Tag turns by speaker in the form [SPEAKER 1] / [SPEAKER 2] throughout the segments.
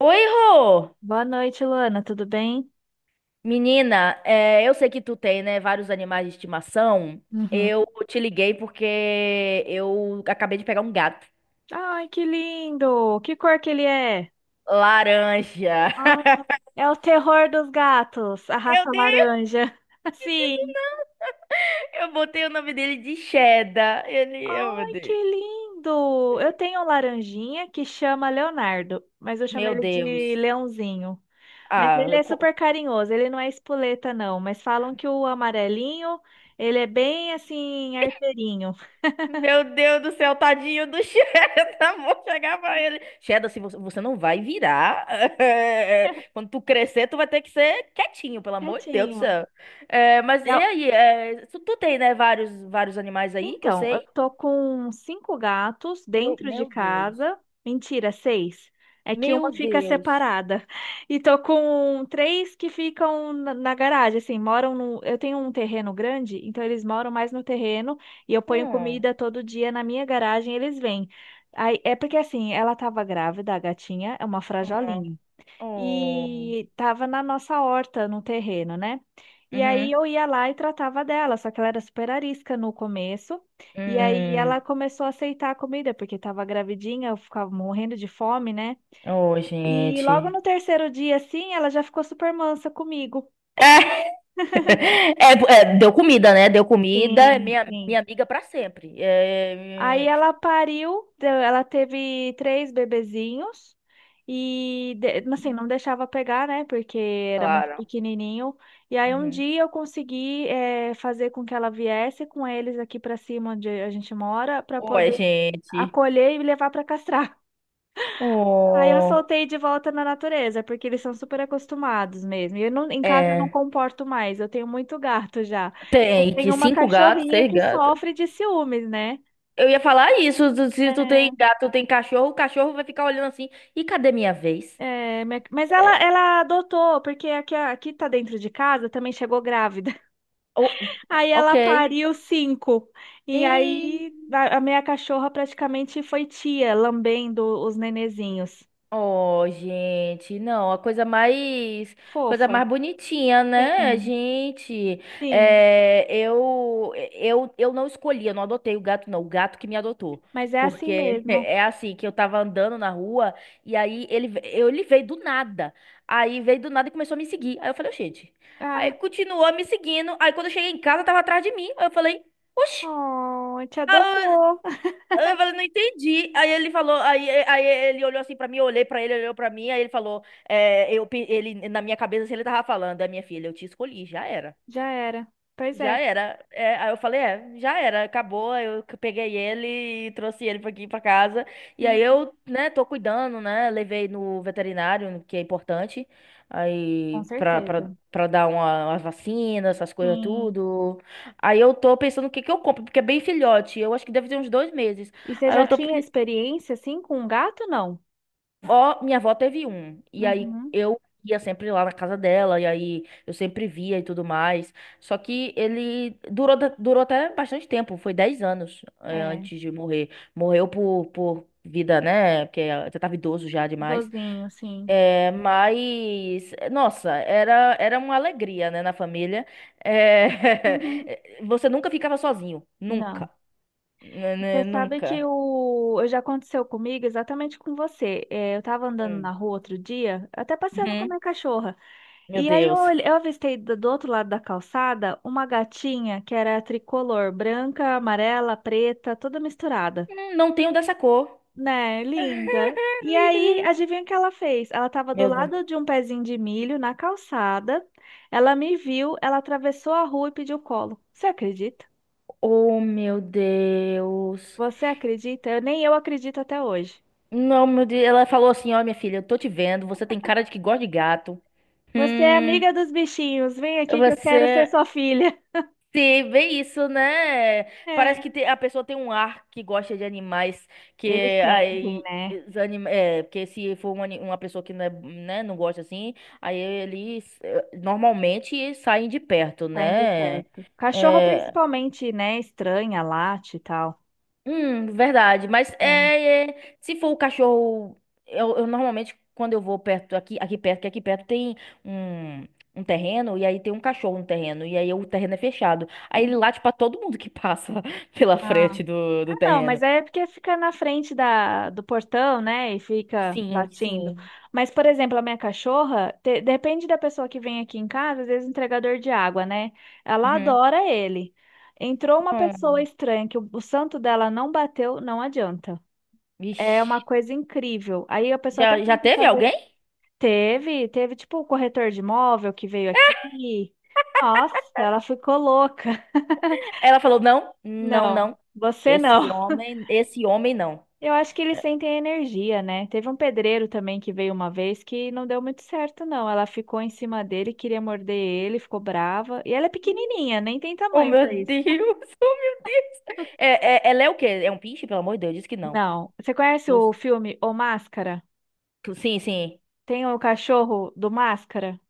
[SPEAKER 1] Oi, Rô!
[SPEAKER 2] Boa noite, Luana. Tudo bem?
[SPEAKER 1] Menina, eu sei que tu tem, né, vários animais de estimação.
[SPEAKER 2] Uhum.
[SPEAKER 1] Eu te liguei porque eu acabei de pegar um gato.
[SPEAKER 2] Ai, que lindo! Que cor que ele é?
[SPEAKER 1] Laranja.
[SPEAKER 2] Ah, é o terror dos gatos, a
[SPEAKER 1] Meu
[SPEAKER 2] raça
[SPEAKER 1] Deus!
[SPEAKER 2] laranja. Sim.
[SPEAKER 1] Eu botei o nome dele de Cheddar. Ele, oh, meu
[SPEAKER 2] Ai, que
[SPEAKER 1] Deus.
[SPEAKER 2] lindo! Eu tenho um laranjinha que chama Leonardo, mas eu chamo
[SPEAKER 1] Meu
[SPEAKER 2] ele de
[SPEAKER 1] Deus.
[SPEAKER 2] Leãozinho. Mas
[SPEAKER 1] Ah,
[SPEAKER 2] ele é
[SPEAKER 1] co-
[SPEAKER 2] super carinhoso, ele não é espoleta, não. Mas falam que o amarelinho, ele é bem assim, arteirinho.
[SPEAKER 1] Meu Deus do céu, tadinho do Cheddar, amor, chegar pra ele. Cheddar, se você não vai virar. Quando tu crescer, tu vai ter que ser quietinho, pelo amor de Deus do
[SPEAKER 2] Quietinho.
[SPEAKER 1] céu. Mas e
[SPEAKER 2] É,
[SPEAKER 1] aí? Tu tem, né, vários animais aí que eu
[SPEAKER 2] então, eu
[SPEAKER 1] sei?
[SPEAKER 2] tô com cinco gatos
[SPEAKER 1] Meu,
[SPEAKER 2] dentro de
[SPEAKER 1] meu Deus.
[SPEAKER 2] casa. Mentira, seis. É que uma
[SPEAKER 1] Meu
[SPEAKER 2] fica
[SPEAKER 1] Deus.
[SPEAKER 2] separada. E tô com três que ficam na garagem, assim, moram no. Eu tenho um terreno grande, então eles moram mais no terreno e eu ponho
[SPEAKER 1] Hum.
[SPEAKER 2] comida todo dia na minha garagem, e eles vêm. Aí, é porque assim, ela tava grávida, a gatinha é uma
[SPEAKER 1] Uhum.
[SPEAKER 2] frajolinha
[SPEAKER 1] Oh.
[SPEAKER 2] e estava na nossa horta, no terreno, né? E
[SPEAKER 1] Uhum.
[SPEAKER 2] aí eu ia lá e tratava dela, só que ela era super arisca no começo. E aí ela
[SPEAKER 1] Hum.
[SPEAKER 2] começou a aceitar a comida, porque estava gravidinha, eu ficava morrendo de fome, né?
[SPEAKER 1] Oh,
[SPEAKER 2] E logo
[SPEAKER 1] gente.
[SPEAKER 2] no terceiro dia, assim, ela já ficou super mansa comigo.
[SPEAKER 1] É, deu comida, né? Deu comida, é
[SPEAKER 2] Sim,
[SPEAKER 1] minha,
[SPEAKER 2] sim.
[SPEAKER 1] minha amiga pra sempre.
[SPEAKER 2] Aí
[SPEAKER 1] É.
[SPEAKER 2] ela pariu, ela teve três bebezinhos e mas assim, não deixava pegar, né? Porque era muito
[SPEAKER 1] Claro.
[SPEAKER 2] pequenininho. E aí um
[SPEAKER 1] Uhum.
[SPEAKER 2] dia eu consegui fazer com que ela viesse com eles aqui pra cima onde a gente mora pra
[SPEAKER 1] Oi,
[SPEAKER 2] poder
[SPEAKER 1] gente.
[SPEAKER 2] acolher e levar pra castrar. Aí eu
[SPEAKER 1] Oh,
[SPEAKER 2] soltei de volta na natureza, porque eles são super acostumados mesmo. E eu não, em casa eu não
[SPEAKER 1] é.
[SPEAKER 2] comporto mais, eu tenho muito gato já. Eu
[SPEAKER 1] Tem que
[SPEAKER 2] tenho uma
[SPEAKER 1] cinco gatos,
[SPEAKER 2] cachorrinha
[SPEAKER 1] seis
[SPEAKER 2] que
[SPEAKER 1] gatos.
[SPEAKER 2] sofre de ciúmes, né?
[SPEAKER 1] Eu ia falar isso. Se tu
[SPEAKER 2] É,
[SPEAKER 1] tem gato, tem cachorro, o cachorro vai ficar olhando assim. E cadê minha vez?
[SPEAKER 2] é, mas ela,
[SPEAKER 1] É,
[SPEAKER 2] ela adotou, porque aqui, aqui tá dentro de casa, também chegou grávida.
[SPEAKER 1] oh,
[SPEAKER 2] Aí
[SPEAKER 1] ok.
[SPEAKER 2] ela pariu cinco. E aí
[SPEAKER 1] Ei.
[SPEAKER 2] a minha cachorra praticamente foi tia, lambendo os nenezinhos.
[SPEAKER 1] Oh, gente, não, a coisa mais, coisa
[SPEAKER 2] Fofa.
[SPEAKER 1] mais bonitinha, né,
[SPEAKER 2] Sim,
[SPEAKER 1] gente?
[SPEAKER 2] sim.
[SPEAKER 1] É, eu não escolhi, eu não adotei o gato, não, o gato que me adotou.
[SPEAKER 2] Mas é assim
[SPEAKER 1] Porque
[SPEAKER 2] mesmo.
[SPEAKER 1] é assim, que eu tava andando na rua e aí ele veio do nada. Aí veio do nada e começou a me seguir. Aí eu falei, gente. Aí
[SPEAKER 2] Ah,
[SPEAKER 1] continuou me seguindo. Aí quando eu cheguei em casa, tava atrás de mim. Aí eu falei, oxi.
[SPEAKER 2] oh, te adotou.
[SPEAKER 1] Aí eu falei, não entendi. Aí ele falou, aí ele olhou assim pra mim, eu olhei pra ele, ele olhou pra mim, aí ele falou, ele, na minha cabeça, assim, ele tava falando, é minha filha, eu te escolhi, já era.
[SPEAKER 2] Já era. Pois
[SPEAKER 1] Já
[SPEAKER 2] é.
[SPEAKER 1] era. É, aí eu falei, é, já era, acabou. Aí eu que peguei ele e trouxe ele pra aqui pra casa. E aí
[SPEAKER 2] Uhum.
[SPEAKER 1] eu, né, tô cuidando, né? Levei no veterinário, que é importante,
[SPEAKER 2] Com
[SPEAKER 1] aí pra, pra,
[SPEAKER 2] certeza.
[SPEAKER 1] pra dar uma vacina, essas coisas
[SPEAKER 2] Sim.
[SPEAKER 1] tudo. Aí eu tô pensando o que que eu compro, porque é bem filhote. Eu acho que deve ter uns 2 meses.
[SPEAKER 2] E você
[SPEAKER 1] Aí
[SPEAKER 2] já
[SPEAKER 1] eu tô
[SPEAKER 2] tinha experiência assim com um gato, não?
[SPEAKER 1] Ó, minha avó teve um. E aí
[SPEAKER 2] Uhum.
[SPEAKER 1] eu ia sempre lá na casa dela, e aí eu sempre via e tudo mais. Só que ele durou, durou até bastante tempo, foi 10 anos ,
[SPEAKER 2] É,
[SPEAKER 1] antes de morrer. Morreu por vida, né? Porque já tava idoso já demais.
[SPEAKER 2] dozinho, sim.
[SPEAKER 1] É, mas, nossa, era uma alegria, né, na família. É,
[SPEAKER 2] Uhum.
[SPEAKER 1] você nunca ficava sozinho. Nunca.
[SPEAKER 2] Não. Você sabe que
[SPEAKER 1] Nunca.
[SPEAKER 2] o... já aconteceu comigo exatamente com você. É, eu tava andando na
[SPEAKER 1] Hum.
[SPEAKER 2] rua outro dia, até passeando com a
[SPEAKER 1] Uhum.
[SPEAKER 2] minha cachorra.
[SPEAKER 1] Meu
[SPEAKER 2] E aí eu,
[SPEAKER 1] Deus.
[SPEAKER 2] eu avistei do outro lado da calçada uma gatinha que era tricolor, branca, amarela, preta, toda misturada.
[SPEAKER 1] Hum. Não tenho dessa cor.
[SPEAKER 2] Né? Linda. E aí, adivinha o que ela fez? Ela estava do
[SPEAKER 1] Meu
[SPEAKER 2] lado
[SPEAKER 1] Deus.
[SPEAKER 2] de um pezinho de milho na calçada. Ela me viu, ela atravessou a rua e pediu colo. Você acredita?
[SPEAKER 1] Oh, meu Deus.
[SPEAKER 2] Você acredita? Eu, nem eu acredito até hoje.
[SPEAKER 1] Não, meu Deus. Ela falou assim: Ó, minha filha, eu tô te vendo. Você tem cara de que gosta de gato.
[SPEAKER 2] Você é
[SPEAKER 1] Hum,
[SPEAKER 2] amiga dos bichinhos, vem aqui que eu quero ser
[SPEAKER 1] você.
[SPEAKER 2] sua filha.
[SPEAKER 1] Sim, bem isso, né? Parece
[SPEAKER 2] É.
[SPEAKER 1] que a pessoa tem um ar que gosta de animais, que
[SPEAKER 2] Eles sentem,
[SPEAKER 1] aí.
[SPEAKER 2] né?
[SPEAKER 1] É, porque se for uma pessoa que não, né, não gosta assim, aí eles normalmente saem de perto,
[SPEAKER 2] Saem de
[SPEAKER 1] né?
[SPEAKER 2] perto. Cachorro
[SPEAKER 1] É,
[SPEAKER 2] principalmente, né? Estranha, late e tal.
[SPEAKER 1] hum, verdade. Mas
[SPEAKER 2] É.
[SPEAKER 1] é, se for o cachorro, eu normalmente quando eu vou perto aqui, aqui perto, que aqui perto tem um, um terreno e aí tem um cachorro no terreno e aí o terreno é fechado. Aí ele late pra todo mundo que passa pela
[SPEAKER 2] Ah.
[SPEAKER 1] frente do
[SPEAKER 2] Ah, não,
[SPEAKER 1] terreno.
[SPEAKER 2] mas é porque fica na frente da, do portão, né? E fica
[SPEAKER 1] Sim,
[SPEAKER 2] latindo.
[SPEAKER 1] sim.
[SPEAKER 2] Mas, por exemplo, a minha cachorra, depende da pessoa que vem aqui em casa, às vezes entregador de água, né? Ela
[SPEAKER 1] Uhum.
[SPEAKER 2] adora ele. Entrou uma pessoa
[SPEAKER 1] Hum.
[SPEAKER 2] estranha que o santo dela não bateu, não adianta. É uma
[SPEAKER 1] Vixe.
[SPEAKER 2] coisa incrível. Aí a pessoa até
[SPEAKER 1] Já, já
[SPEAKER 2] tenta
[SPEAKER 1] teve
[SPEAKER 2] fazer.
[SPEAKER 1] alguém?
[SPEAKER 2] Teve, teve tipo o corretor de imóvel que veio aqui. Nossa, ela ficou louca.
[SPEAKER 1] Ela falou não, não,
[SPEAKER 2] Não,
[SPEAKER 1] não.
[SPEAKER 2] você não.
[SPEAKER 1] Esse homem não.
[SPEAKER 2] Eu acho que eles sentem a energia, né? Teve um pedreiro também que veio uma vez que não deu muito certo, não. Ela ficou em cima dele, queria morder ele, ficou brava. E ela é pequenininha, nem tem
[SPEAKER 1] Oh,
[SPEAKER 2] tamanho
[SPEAKER 1] meu
[SPEAKER 2] pra isso.
[SPEAKER 1] Deus, oh, meu Deus. É, ela é o quê? É um pinche, pelo amor de Deus, disse que não.
[SPEAKER 2] Não. Você conhece
[SPEAKER 1] Eu-
[SPEAKER 2] o filme O Máscara?
[SPEAKER 1] Sim, sim.
[SPEAKER 2] Tem o cachorro do Máscara?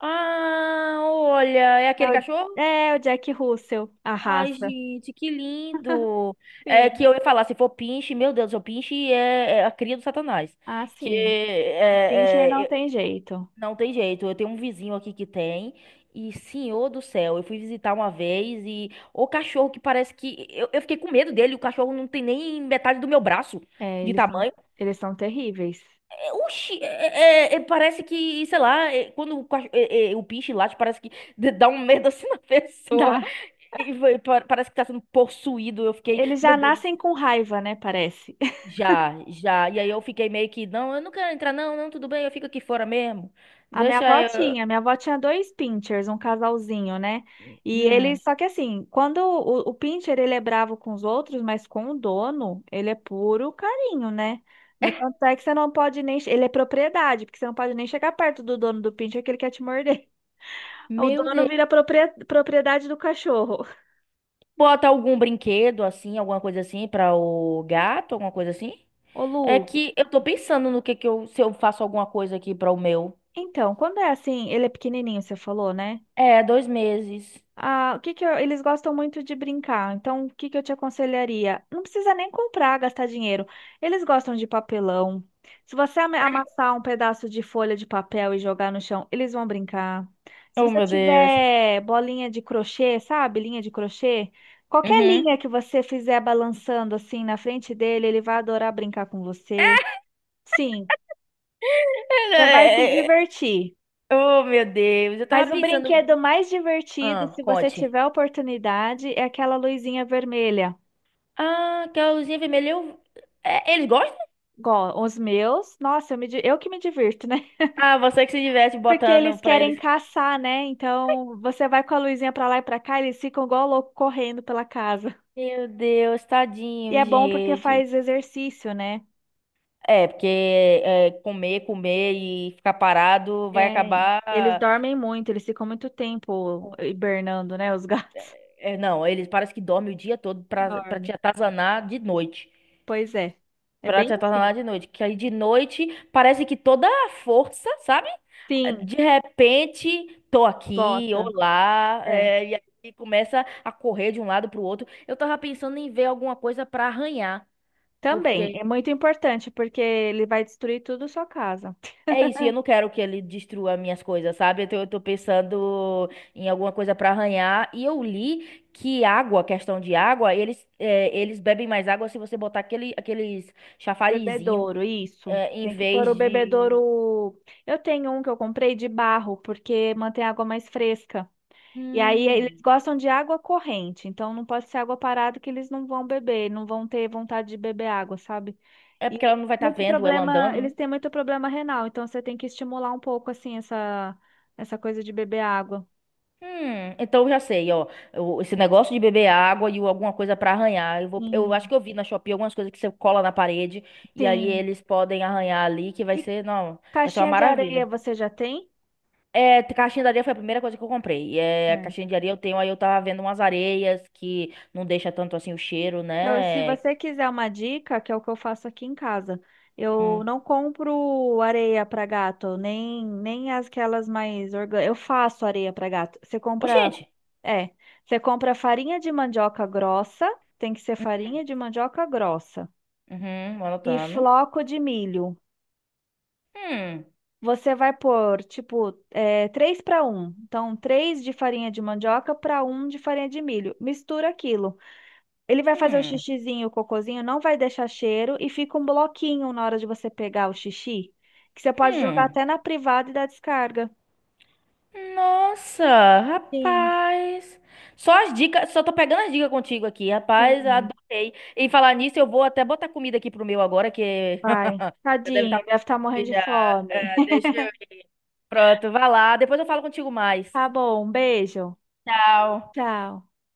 [SPEAKER 1] Ah, olha, é
[SPEAKER 2] É
[SPEAKER 1] aquele
[SPEAKER 2] o,
[SPEAKER 1] cachorro?
[SPEAKER 2] é o Jack Russell, a
[SPEAKER 1] Ai,
[SPEAKER 2] raça.
[SPEAKER 1] gente, que lindo. É que
[SPEAKER 2] Sim.
[SPEAKER 1] eu ia falar, se for pinche, meu Deus, o pinche é a cria do Satanás.
[SPEAKER 2] Ah,
[SPEAKER 1] Que
[SPEAKER 2] sim. O Pincher não tem jeito.
[SPEAKER 1] não tem jeito. Eu tenho um vizinho aqui que tem. E, senhor do céu, eu fui visitar uma vez e o cachorro que parece que. Eu fiquei com medo dele, o cachorro não tem nem metade do meu braço
[SPEAKER 2] É,
[SPEAKER 1] de tamanho.
[SPEAKER 2] eles são terríveis.
[SPEAKER 1] Oxi, é, parece que, sei lá, quando o, cach- é, é, o bicho late, parece que dá um medo assim na pessoa.
[SPEAKER 2] Tá.
[SPEAKER 1] E parece que tá sendo possuído. Eu fiquei,
[SPEAKER 2] Eles
[SPEAKER 1] meu
[SPEAKER 2] já
[SPEAKER 1] Deus do
[SPEAKER 2] nascem
[SPEAKER 1] céu.
[SPEAKER 2] com raiva, né? Parece.
[SPEAKER 1] Já, já. E aí eu fiquei meio que, não, eu não quero entrar, não, não, tudo bem, eu fico aqui fora mesmo.
[SPEAKER 2] A
[SPEAKER 1] Deixa eu.
[SPEAKER 2] minha avó tinha dois Pinchers, um casalzinho, né? E ele,
[SPEAKER 1] Hum,
[SPEAKER 2] só que assim, quando o Pinscher, ele é bravo com os outros, mas com o dono, ele é puro carinho, né? No tanto é que você não pode nem, ele é propriedade, porque você não pode nem chegar perto do dono do Pinscher que ele quer te morder. O
[SPEAKER 1] meu
[SPEAKER 2] dono
[SPEAKER 1] Deus.
[SPEAKER 2] vira propriedade do cachorro.
[SPEAKER 1] Bota algum brinquedo assim, alguma coisa assim, pra o gato, alguma coisa assim.
[SPEAKER 2] Ô,
[SPEAKER 1] É
[SPEAKER 2] Lu,
[SPEAKER 1] que eu tô pensando no que eu, se eu faço alguma coisa aqui para o meu.
[SPEAKER 2] então, quando é assim, ele é pequenininho, você falou, né?
[SPEAKER 1] É, 2 meses.
[SPEAKER 2] Ah, o que que eu- eles gostam muito de brincar. Então, o que que eu te aconselharia? Não precisa nem comprar, gastar dinheiro. Eles gostam de papelão. Se você amassar um pedaço de folha de papel e jogar no chão, eles vão brincar. Se
[SPEAKER 1] Oh,
[SPEAKER 2] você
[SPEAKER 1] meu Deus.
[SPEAKER 2] tiver bolinha de crochê, sabe? Linha de crochê, qualquer
[SPEAKER 1] Uhum.
[SPEAKER 2] linha que você fizer balançando assim na frente dele, ele vai adorar brincar com você. Sim, você vai se
[SPEAKER 1] É,
[SPEAKER 2] divertir.
[SPEAKER 1] oh, meu Deus. Eu tava
[SPEAKER 2] Mas o
[SPEAKER 1] pensando.
[SPEAKER 2] brinquedo mais divertido,
[SPEAKER 1] Ah,
[SPEAKER 2] se você
[SPEAKER 1] conte.
[SPEAKER 2] tiver oportunidade, é aquela luzinha vermelha.
[SPEAKER 1] Ah, que a luzinha vermelha. Eu. É, eles gostam?
[SPEAKER 2] Igual os meus, nossa, eu, eu que me divirto, né?
[SPEAKER 1] Ah, você que se diverte
[SPEAKER 2] Porque
[SPEAKER 1] botando
[SPEAKER 2] eles
[SPEAKER 1] pra
[SPEAKER 2] querem
[SPEAKER 1] eles.
[SPEAKER 2] caçar, né? Então você vai com a luzinha pra lá e pra cá, eles ficam igual louco correndo pela casa.
[SPEAKER 1] Meu Deus,
[SPEAKER 2] E
[SPEAKER 1] tadinho,
[SPEAKER 2] é bom porque
[SPEAKER 1] gente.
[SPEAKER 2] faz exercício, né?
[SPEAKER 1] É, porque comer, comer e ficar parado vai
[SPEAKER 2] É,
[SPEAKER 1] acabar.
[SPEAKER 2] eles dormem muito, eles ficam muito tempo hibernando, né? Os gatos
[SPEAKER 1] É, não, eles parecem que dormem o dia todo pra
[SPEAKER 2] dormem.
[SPEAKER 1] te atazanar de noite.
[SPEAKER 2] Pois é, é
[SPEAKER 1] Pra
[SPEAKER 2] bem
[SPEAKER 1] te
[SPEAKER 2] assim.
[SPEAKER 1] atornar de noite. Que aí de noite parece que toda a força, sabe?
[SPEAKER 2] Sim,
[SPEAKER 1] De repente, tô aqui,
[SPEAKER 2] gota.
[SPEAKER 1] olá,
[SPEAKER 2] É.
[SPEAKER 1] e aí começa a correr de um lado pro outro. Eu tava pensando em ver alguma coisa pra arranhar,
[SPEAKER 2] Também é
[SPEAKER 1] porque
[SPEAKER 2] muito importante porque ele vai destruir tudo a sua casa.
[SPEAKER 1] é isso, e eu não quero que ele destrua minhas coisas, sabe? Então eu tô pensando em alguma coisa pra arranhar. E eu li que água, questão de água, eles bebem mais água se você botar aqueles chafarizinho,
[SPEAKER 2] Bebedouro, isso.
[SPEAKER 1] em
[SPEAKER 2] Tem que pôr
[SPEAKER 1] vez
[SPEAKER 2] o
[SPEAKER 1] de.
[SPEAKER 2] bebedouro. Eu tenho um que eu comprei de barro porque mantém a água mais fresca. E aí eles
[SPEAKER 1] Hum.
[SPEAKER 2] gostam de água corrente, então não pode ser água parada que eles não vão beber, não vão ter vontade de beber água, sabe?
[SPEAKER 1] É porque
[SPEAKER 2] E
[SPEAKER 1] ela não vai estar
[SPEAKER 2] muito
[SPEAKER 1] vendo ela
[SPEAKER 2] problema,
[SPEAKER 1] andando, né?
[SPEAKER 2] eles têm muito problema renal, então você tem que estimular um pouco assim essa coisa de beber água.
[SPEAKER 1] Então eu já sei, ó. Esse negócio de beber água e alguma coisa pra arranhar. Eu acho
[SPEAKER 2] Sim,
[SPEAKER 1] que eu vi na Shopee algumas coisas que você cola na parede e aí
[SPEAKER 2] sim.
[SPEAKER 1] eles podem arranhar ali, que vai
[SPEAKER 2] E
[SPEAKER 1] ser, não, vai ser uma
[SPEAKER 2] caixinha de areia
[SPEAKER 1] maravilha.
[SPEAKER 2] você já tem?
[SPEAKER 1] É, caixinha de areia foi a primeira coisa que eu comprei. É, a
[SPEAKER 2] É.
[SPEAKER 1] caixinha de areia eu tenho, aí eu tava vendo umas areias que não deixa tanto assim o cheiro,
[SPEAKER 2] Então, se
[SPEAKER 1] né?
[SPEAKER 2] você quiser uma dica, que é o que eu faço aqui em casa, eu
[SPEAKER 1] Hum.
[SPEAKER 2] não compro areia para gato, nem as aquelas mais orgânicas. Eu faço areia para gato. Você
[SPEAKER 1] Ô,
[SPEAKER 2] compra,
[SPEAKER 1] gente.
[SPEAKER 2] é, você compra farinha de mandioca grossa, tem que ser
[SPEAKER 1] Hum,
[SPEAKER 2] farinha de mandioca grossa,
[SPEAKER 1] uhum,
[SPEAKER 2] e
[SPEAKER 1] anotando.
[SPEAKER 2] floco de milho.
[SPEAKER 1] Hum,
[SPEAKER 2] Você vai pôr, tipo, 3 para um, então, 3 de farinha de mandioca para um de farinha de milho. Mistura aquilo. Ele vai fazer o
[SPEAKER 1] hum,
[SPEAKER 2] xixizinho, o cocôzinho, não vai deixar cheiro e fica um bloquinho na hora de você pegar o xixi, que você pode jogar
[SPEAKER 1] hum.
[SPEAKER 2] até na privada e dar descarga.
[SPEAKER 1] Nossa,
[SPEAKER 2] Sim,
[SPEAKER 1] rapaz. Só as dicas, só tô pegando as dicas contigo aqui, rapaz,
[SPEAKER 2] sim.
[SPEAKER 1] adorei. E falar nisso, eu vou até botar comida aqui pro meu agora, que
[SPEAKER 2] Vai.
[SPEAKER 1] já deve estar
[SPEAKER 2] Tadinho,
[SPEAKER 1] com
[SPEAKER 2] deve estar morrendo
[SPEAKER 1] fome
[SPEAKER 2] de
[SPEAKER 1] já.
[SPEAKER 2] fome.
[SPEAKER 1] É, deixa eu ir. Pronto, vai lá. Depois eu falo contigo mais.
[SPEAKER 2] Tá bom, um beijo.
[SPEAKER 1] Tchau.
[SPEAKER 2] Tchau.